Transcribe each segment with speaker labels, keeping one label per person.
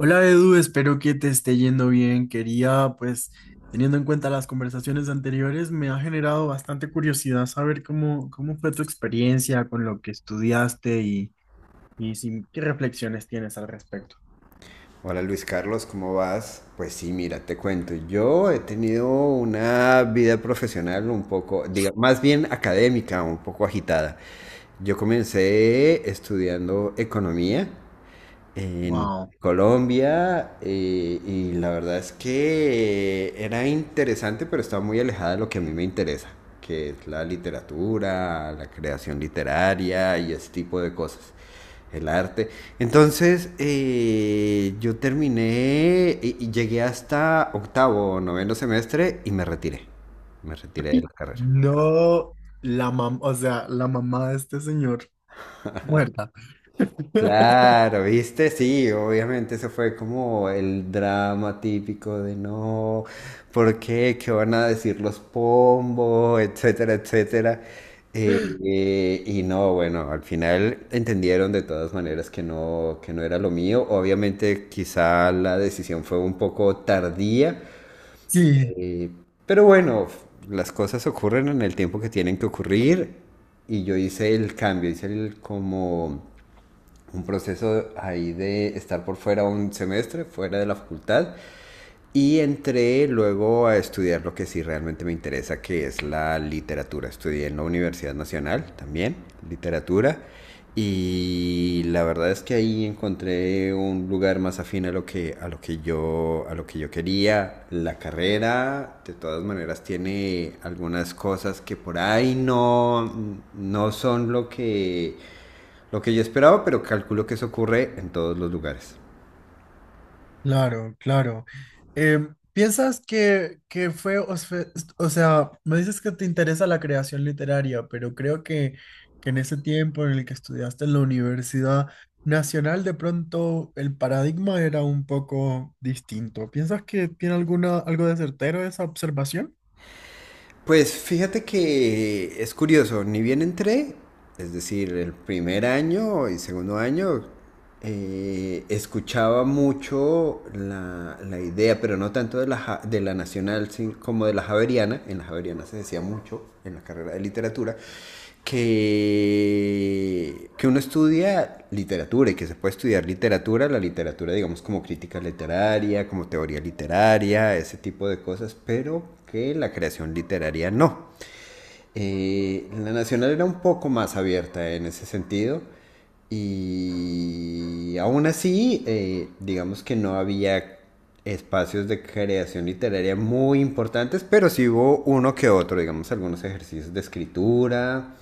Speaker 1: Hola Edu, espero que te esté yendo bien. Quería, pues, teniendo en cuenta las conversaciones anteriores, me ha generado bastante curiosidad saber cómo fue tu experiencia con lo que estudiaste y qué reflexiones tienes al respecto.
Speaker 2: Hola Luis Carlos, ¿cómo vas? Pues sí, mira, te cuento. Yo he tenido una vida profesional un poco, diga, más bien académica, un poco agitada. Yo comencé estudiando economía en
Speaker 1: Wow.
Speaker 2: Colombia y la verdad es que era interesante, pero estaba muy alejada de lo que a mí me interesa, que es la literatura, la creación literaria y ese tipo de cosas, el arte. Entonces yo terminé y llegué hasta octavo o noveno semestre y me retiré de la carrera.
Speaker 1: No, la mam, o sea, la mamá de este señor muerta.
Speaker 2: Claro, ¿viste? Sí, obviamente eso fue como el drama típico de no, ¿por qué? ¿Qué van a decir los pombos? Etcétera, etcétera. Y no, bueno, al final entendieron de todas maneras que no era lo mío. Obviamente quizá la decisión fue un poco tardía,
Speaker 1: Sí.
Speaker 2: eh, pero bueno, las cosas ocurren en el tiempo que tienen que ocurrir y yo hice el cambio, hice el como un proceso ahí de estar por fuera un semestre, fuera de la facultad, y entré luego a estudiar lo que sí realmente me interesa, que es la literatura. Estudié en la Universidad Nacional también, literatura, y la verdad es que ahí encontré un lugar más afín a lo que, a lo que yo quería. La carrera, de todas maneras, tiene algunas cosas que por ahí no, no son lo que yo esperaba, pero calculo que eso ocurre en todos los lugares.
Speaker 1: Claro, claro. ¿Piensas que o sea, me dices que te interesa la creación literaria, pero creo que en ese tiempo en el que estudiaste en la Universidad Nacional, de pronto el paradigma era un poco distinto. ¿Piensas que tiene alguna, algo de certero esa observación?
Speaker 2: Pues fíjate que es curioso, ni bien entré, es decir, el primer año y segundo año, escuchaba mucho la idea, pero no tanto de la, de la nacional como de la javeriana. En la javeriana se decía mucho en la carrera de literatura. Que uno estudia literatura y que se puede estudiar literatura, la literatura digamos como crítica literaria, como teoría literaria, ese tipo de cosas, pero que la creación literaria no. La Nacional era un poco más abierta en ese sentido y aún así, digamos que no había espacios de creación literaria muy importantes, pero sí hubo uno que otro, digamos algunos ejercicios de escritura,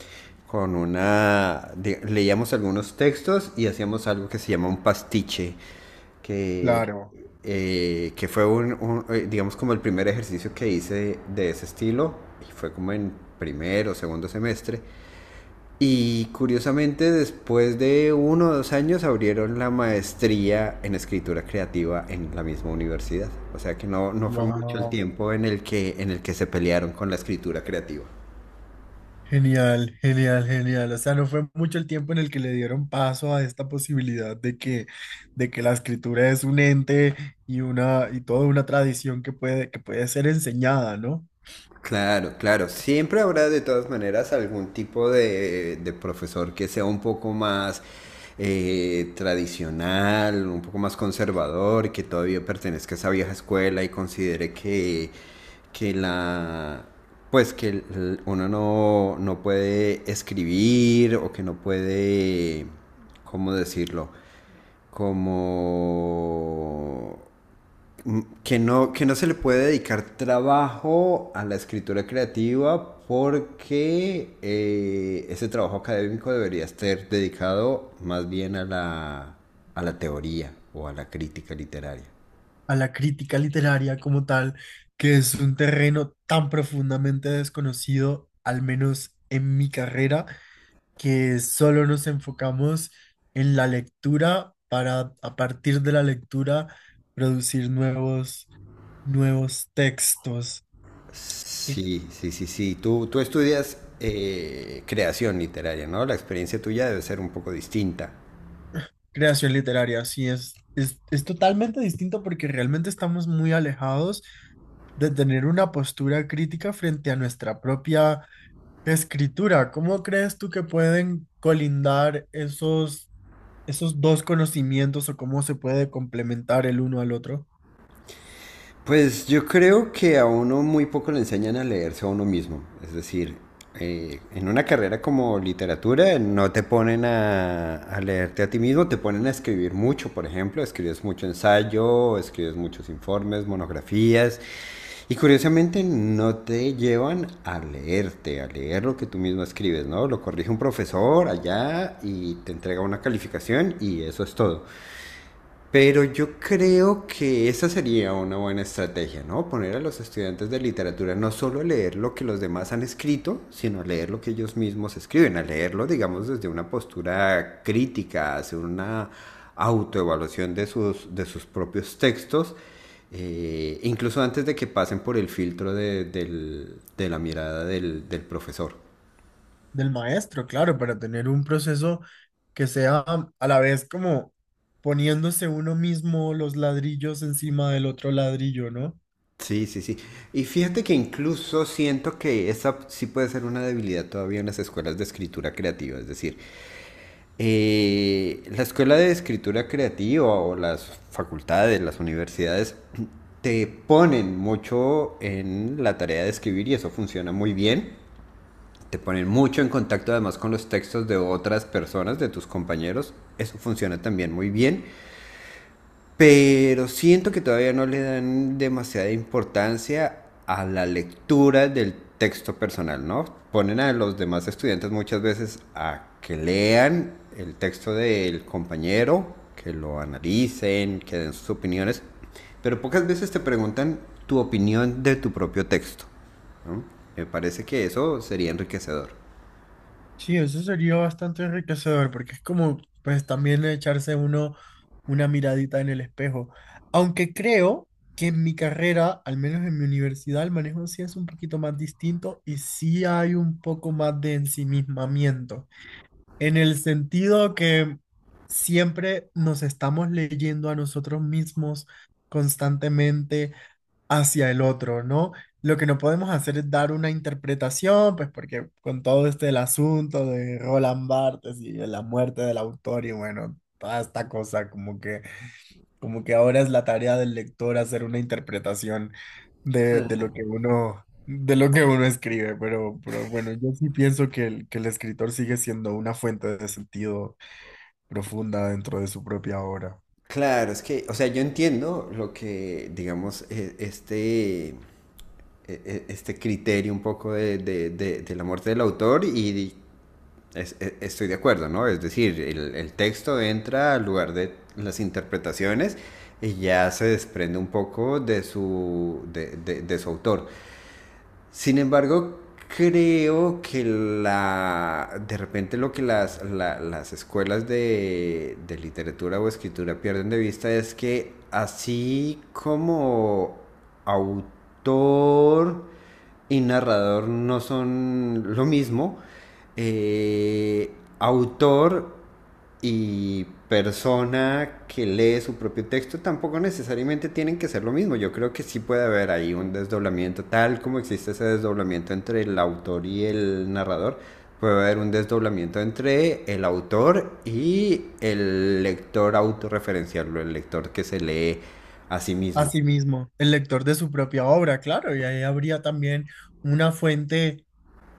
Speaker 2: con una... leíamos algunos textos y hacíamos algo que se llama un pastiche, que
Speaker 1: Claro.
Speaker 2: que fue un, digamos como el primer ejercicio que hice de ese estilo, y fue como en primero, o segundo semestre, y curiosamente después de uno o dos años abrieron la maestría en escritura creativa en la misma universidad, o sea que no, no fue mucho el
Speaker 1: Wow.
Speaker 2: tiempo en el que se pelearon con la escritura creativa.
Speaker 1: Genial, genial, genial. O sea, no fue mucho el tiempo en el que le dieron paso a esta posibilidad de que la escritura es un ente y toda una tradición que puede ser enseñada, ¿no?
Speaker 2: Claro, claro. Siempre habrá de todas maneras algún tipo de profesor que sea un poco más tradicional, un poco más conservador, que todavía pertenezca a esa vieja escuela y considere que la pues que uno no, no puede escribir o que no puede, ¿cómo decirlo? Como que no se le puede dedicar trabajo a la escritura creativa porque ese trabajo académico debería estar dedicado más bien a la teoría o a la crítica literaria.
Speaker 1: A la crítica literaria como tal, que es un terreno tan profundamente desconocido, al menos en mi carrera, que solo nos enfocamos en la lectura para, a partir de la lectura, producir nuevos textos. Y
Speaker 2: Sí, sí, sí, sí. Tú estudias creación literaria, ¿no? La experiencia tuya debe ser un poco distinta.
Speaker 1: creación literaria, sí, es totalmente distinto porque realmente estamos muy alejados de tener una postura crítica frente a nuestra propia escritura. ¿Cómo crees tú que pueden colindar esos dos conocimientos o cómo se puede complementar el uno al otro?
Speaker 2: Pues yo creo que a uno muy poco le enseñan a leerse a uno mismo. Es decir, en una carrera como literatura no te ponen a leerte a ti mismo, te ponen a escribir mucho, por ejemplo. Escribes mucho ensayo, escribes muchos informes, monografías. Y curiosamente no te llevan a leerte, a leer lo que tú mismo escribes, ¿no? Lo corrige un profesor allá y te entrega una calificación y eso es todo. Pero yo creo que esa sería una buena estrategia, ¿no? Poner a los estudiantes de literatura no solo a leer lo que los demás han escrito, sino a leer lo que ellos mismos escriben, a leerlo, digamos, desde una postura crítica, hacer una autoevaluación de sus propios textos, incluso antes de que pasen por el filtro de la mirada del, del profesor.
Speaker 1: Del maestro, claro, para tener un proceso que sea a la vez como poniéndose uno mismo los ladrillos encima del otro ladrillo, ¿no?
Speaker 2: Sí, sí, sí. Y fíjate que incluso siento que esa sí puede ser una debilidad todavía en las escuelas de escritura creativa. Es decir, la escuela de escritura creativa o las facultades, las universidades, te ponen mucho en la tarea de escribir y eso funciona muy bien. Te ponen mucho en contacto además con los textos de otras personas, de tus compañeros. Eso funciona también muy bien, pero siento que todavía no le dan demasiada importancia a la lectura del texto personal, ¿no? Ponen a los demás estudiantes muchas veces a que lean el texto del compañero, que lo analicen, que den sus opiniones, pero pocas veces te preguntan tu opinión de tu propio texto, ¿no? Me parece que eso sería enriquecedor.
Speaker 1: Sí, eso sería bastante enriquecedor porque es como, pues también echarse uno una miradita en el espejo. Aunque creo que en mi carrera, al menos en mi universidad, el manejo sí es un poquito más distinto y sí hay un poco más de ensimismamiento, en el sentido que siempre nos estamos leyendo a nosotros mismos constantemente, hacia el otro, ¿no? Lo que no podemos hacer es dar una interpretación, pues porque con todo este el asunto de Roland Barthes y de la muerte del autor y bueno, toda esta cosa como que ahora es la tarea del lector hacer una interpretación de lo que uno de lo que uno escribe, pero bueno, yo sí pienso que el escritor sigue siendo una fuente de sentido profunda dentro de su propia obra.
Speaker 2: Claro, es que, o sea, yo entiendo lo que, digamos, este este criterio un poco de la muerte del autor y estoy de acuerdo, ¿no? Es decir, el texto entra al lugar de las interpretaciones y ya se desprende un poco de su, de su autor. Sin embargo, creo que la de repente lo que las, las escuelas de literatura o escritura pierden de vista es que así como autor y narrador no son lo mismo, eh, autor y persona que lee su propio texto tampoco necesariamente tienen que ser lo mismo. Yo creo que sí puede haber ahí un desdoblamiento, tal como existe ese desdoblamiento entre el autor y el narrador, puede haber un desdoblamiento entre el autor y el lector autorreferencial, el lector que se lee a sí mismo.
Speaker 1: Asimismo, el lector de su propia obra, claro, y ahí habría también una fuente,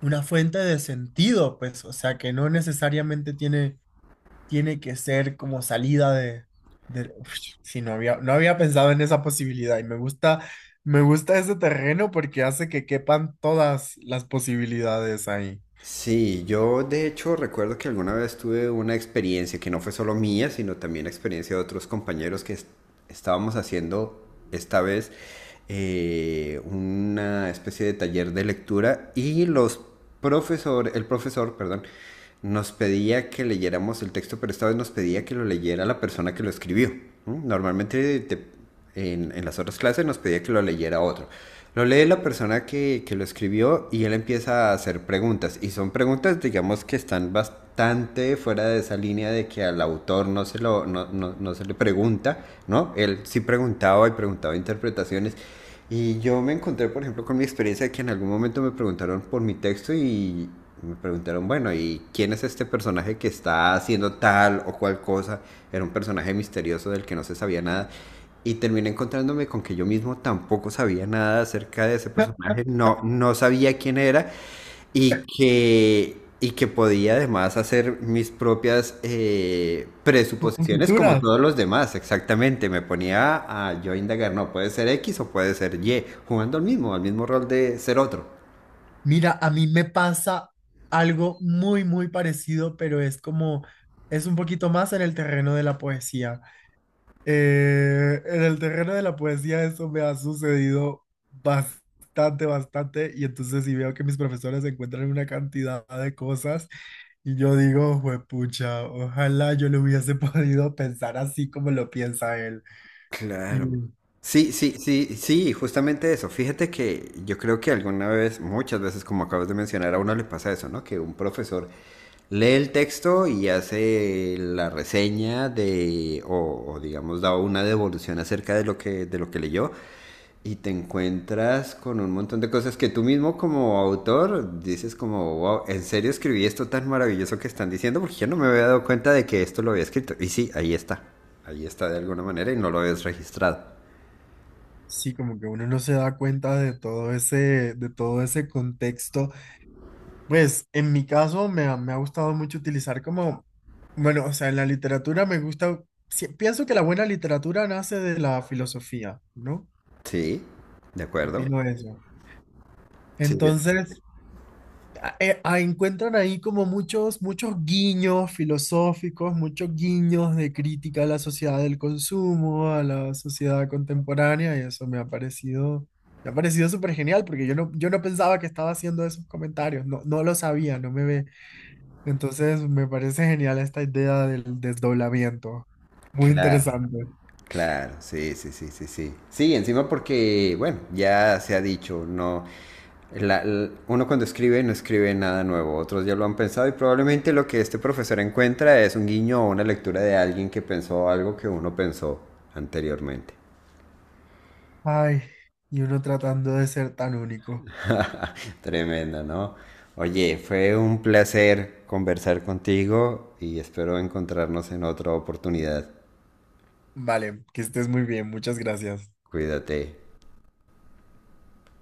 Speaker 1: una fuente de sentido, pues, o sea, que no necesariamente tiene que ser como salida de- Uf, sí, no había pensado en esa posibilidad y me gusta ese terreno porque hace que quepan todas las posibilidades ahí.
Speaker 2: Sí, yo de hecho recuerdo que alguna vez tuve una experiencia que no fue solo mía, sino también experiencia de otros compañeros, estábamos haciendo esta vez una especie de taller de lectura y los profesor, el profesor, perdón, nos pedía que leyéramos el texto, pero esta vez nos pedía que lo leyera la persona que lo escribió. ¿Mm? Normalmente te en las otras clases nos pedía que lo leyera otro. Lo lee la persona que lo escribió y él empieza a hacer preguntas. Y son preguntas, digamos, que están bastante fuera de esa línea de que al autor no se, lo, no se le pregunta, ¿no? Él sí preguntaba y preguntaba interpretaciones. Y yo me encontré, por ejemplo, con mi experiencia de que en algún momento me preguntaron por mi texto y me preguntaron, bueno, ¿y quién es este personaje que está haciendo tal o cual cosa? Era un personaje misterioso del que no se sabía nada. Y terminé encontrándome con que yo mismo tampoco sabía nada acerca de ese personaje, no, no sabía quién era y que podía además hacer mis propias presuposiciones como
Speaker 1: Futuras.
Speaker 2: todos los demás, exactamente. Me ponía a yo indagar, no, puede ser X o puede ser Y, jugando al mismo rol de ser otro.
Speaker 1: Mira, a mí me pasa algo muy parecido, pero es como, es un poquito más en el terreno de la poesía. En el terreno de la poesía eso me ha sucedido bastante, y entonces si veo que mis profesores encuentran una cantidad de cosas y yo digo, juepucha, ojalá yo le hubiese podido pensar así como lo piensa él. Y
Speaker 2: Claro. Sí, sí, sí, sí, justamente eso. Fíjate que yo creo que alguna vez, muchas veces, como acabas de mencionar, a uno le pasa eso, ¿no? Que un profesor lee el texto y hace la reseña de, o digamos, da una devolución acerca de lo que leyó y te encuentras con un montón de cosas que tú mismo como autor dices como, wow, ¿en serio escribí esto tan maravilloso que están diciendo? Porque yo no me había dado cuenta de que esto lo había escrito. Y sí, ahí está. Ahí está de alguna manera y no lo habías registrado.
Speaker 1: sí, como que uno no se da cuenta de todo de todo ese contexto. Pues en mi caso me ha gustado mucho utilizar como bueno, o sea, en la literatura me gusta, sí, pienso que la buena literatura nace de la filosofía, ¿no?
Speaker 2: Sí, de acuerdo.
Speaker 1: Opino eso.
Speaker 2: Sí,
Speaker 1: Entonces, encuentran ahí como muchos guiños filosóficos, muchos guiños de crítica a la sociedad del consumo, a la sociedad contemporánea, y eso me ha parecido súper genial, porque yo no pensaba que estaba haciendo esos comentarios, no lo sabía, no me ve. Entonces, me parece genial esta idea del desdoblamiento. Muy
Speaker 2: claro.
Speaker 1: interesante.
Speaker 2: Claro, sí, sí, sí, sí, sí. Sí, encima porque, bueno, ya se ha dicho, no, uno cuando escribe no escribe nada nuevo, otros ya lo han pensado y probablemente lo que este profesor encuentra es un guiño o una lectura de alguien que pensó algo que uno pensó anteriormente.
Speaker 1: Ay, y uno tratando de ser tan único.
Speaker 2: Tremendo, ¿no? Oye, fue un placer conversar contigo y espero encontrarnos en otra oportunidad.
Speaker 1: Vale, que estés muy bien, muchas gracias.
Speaker 2: Cuídate.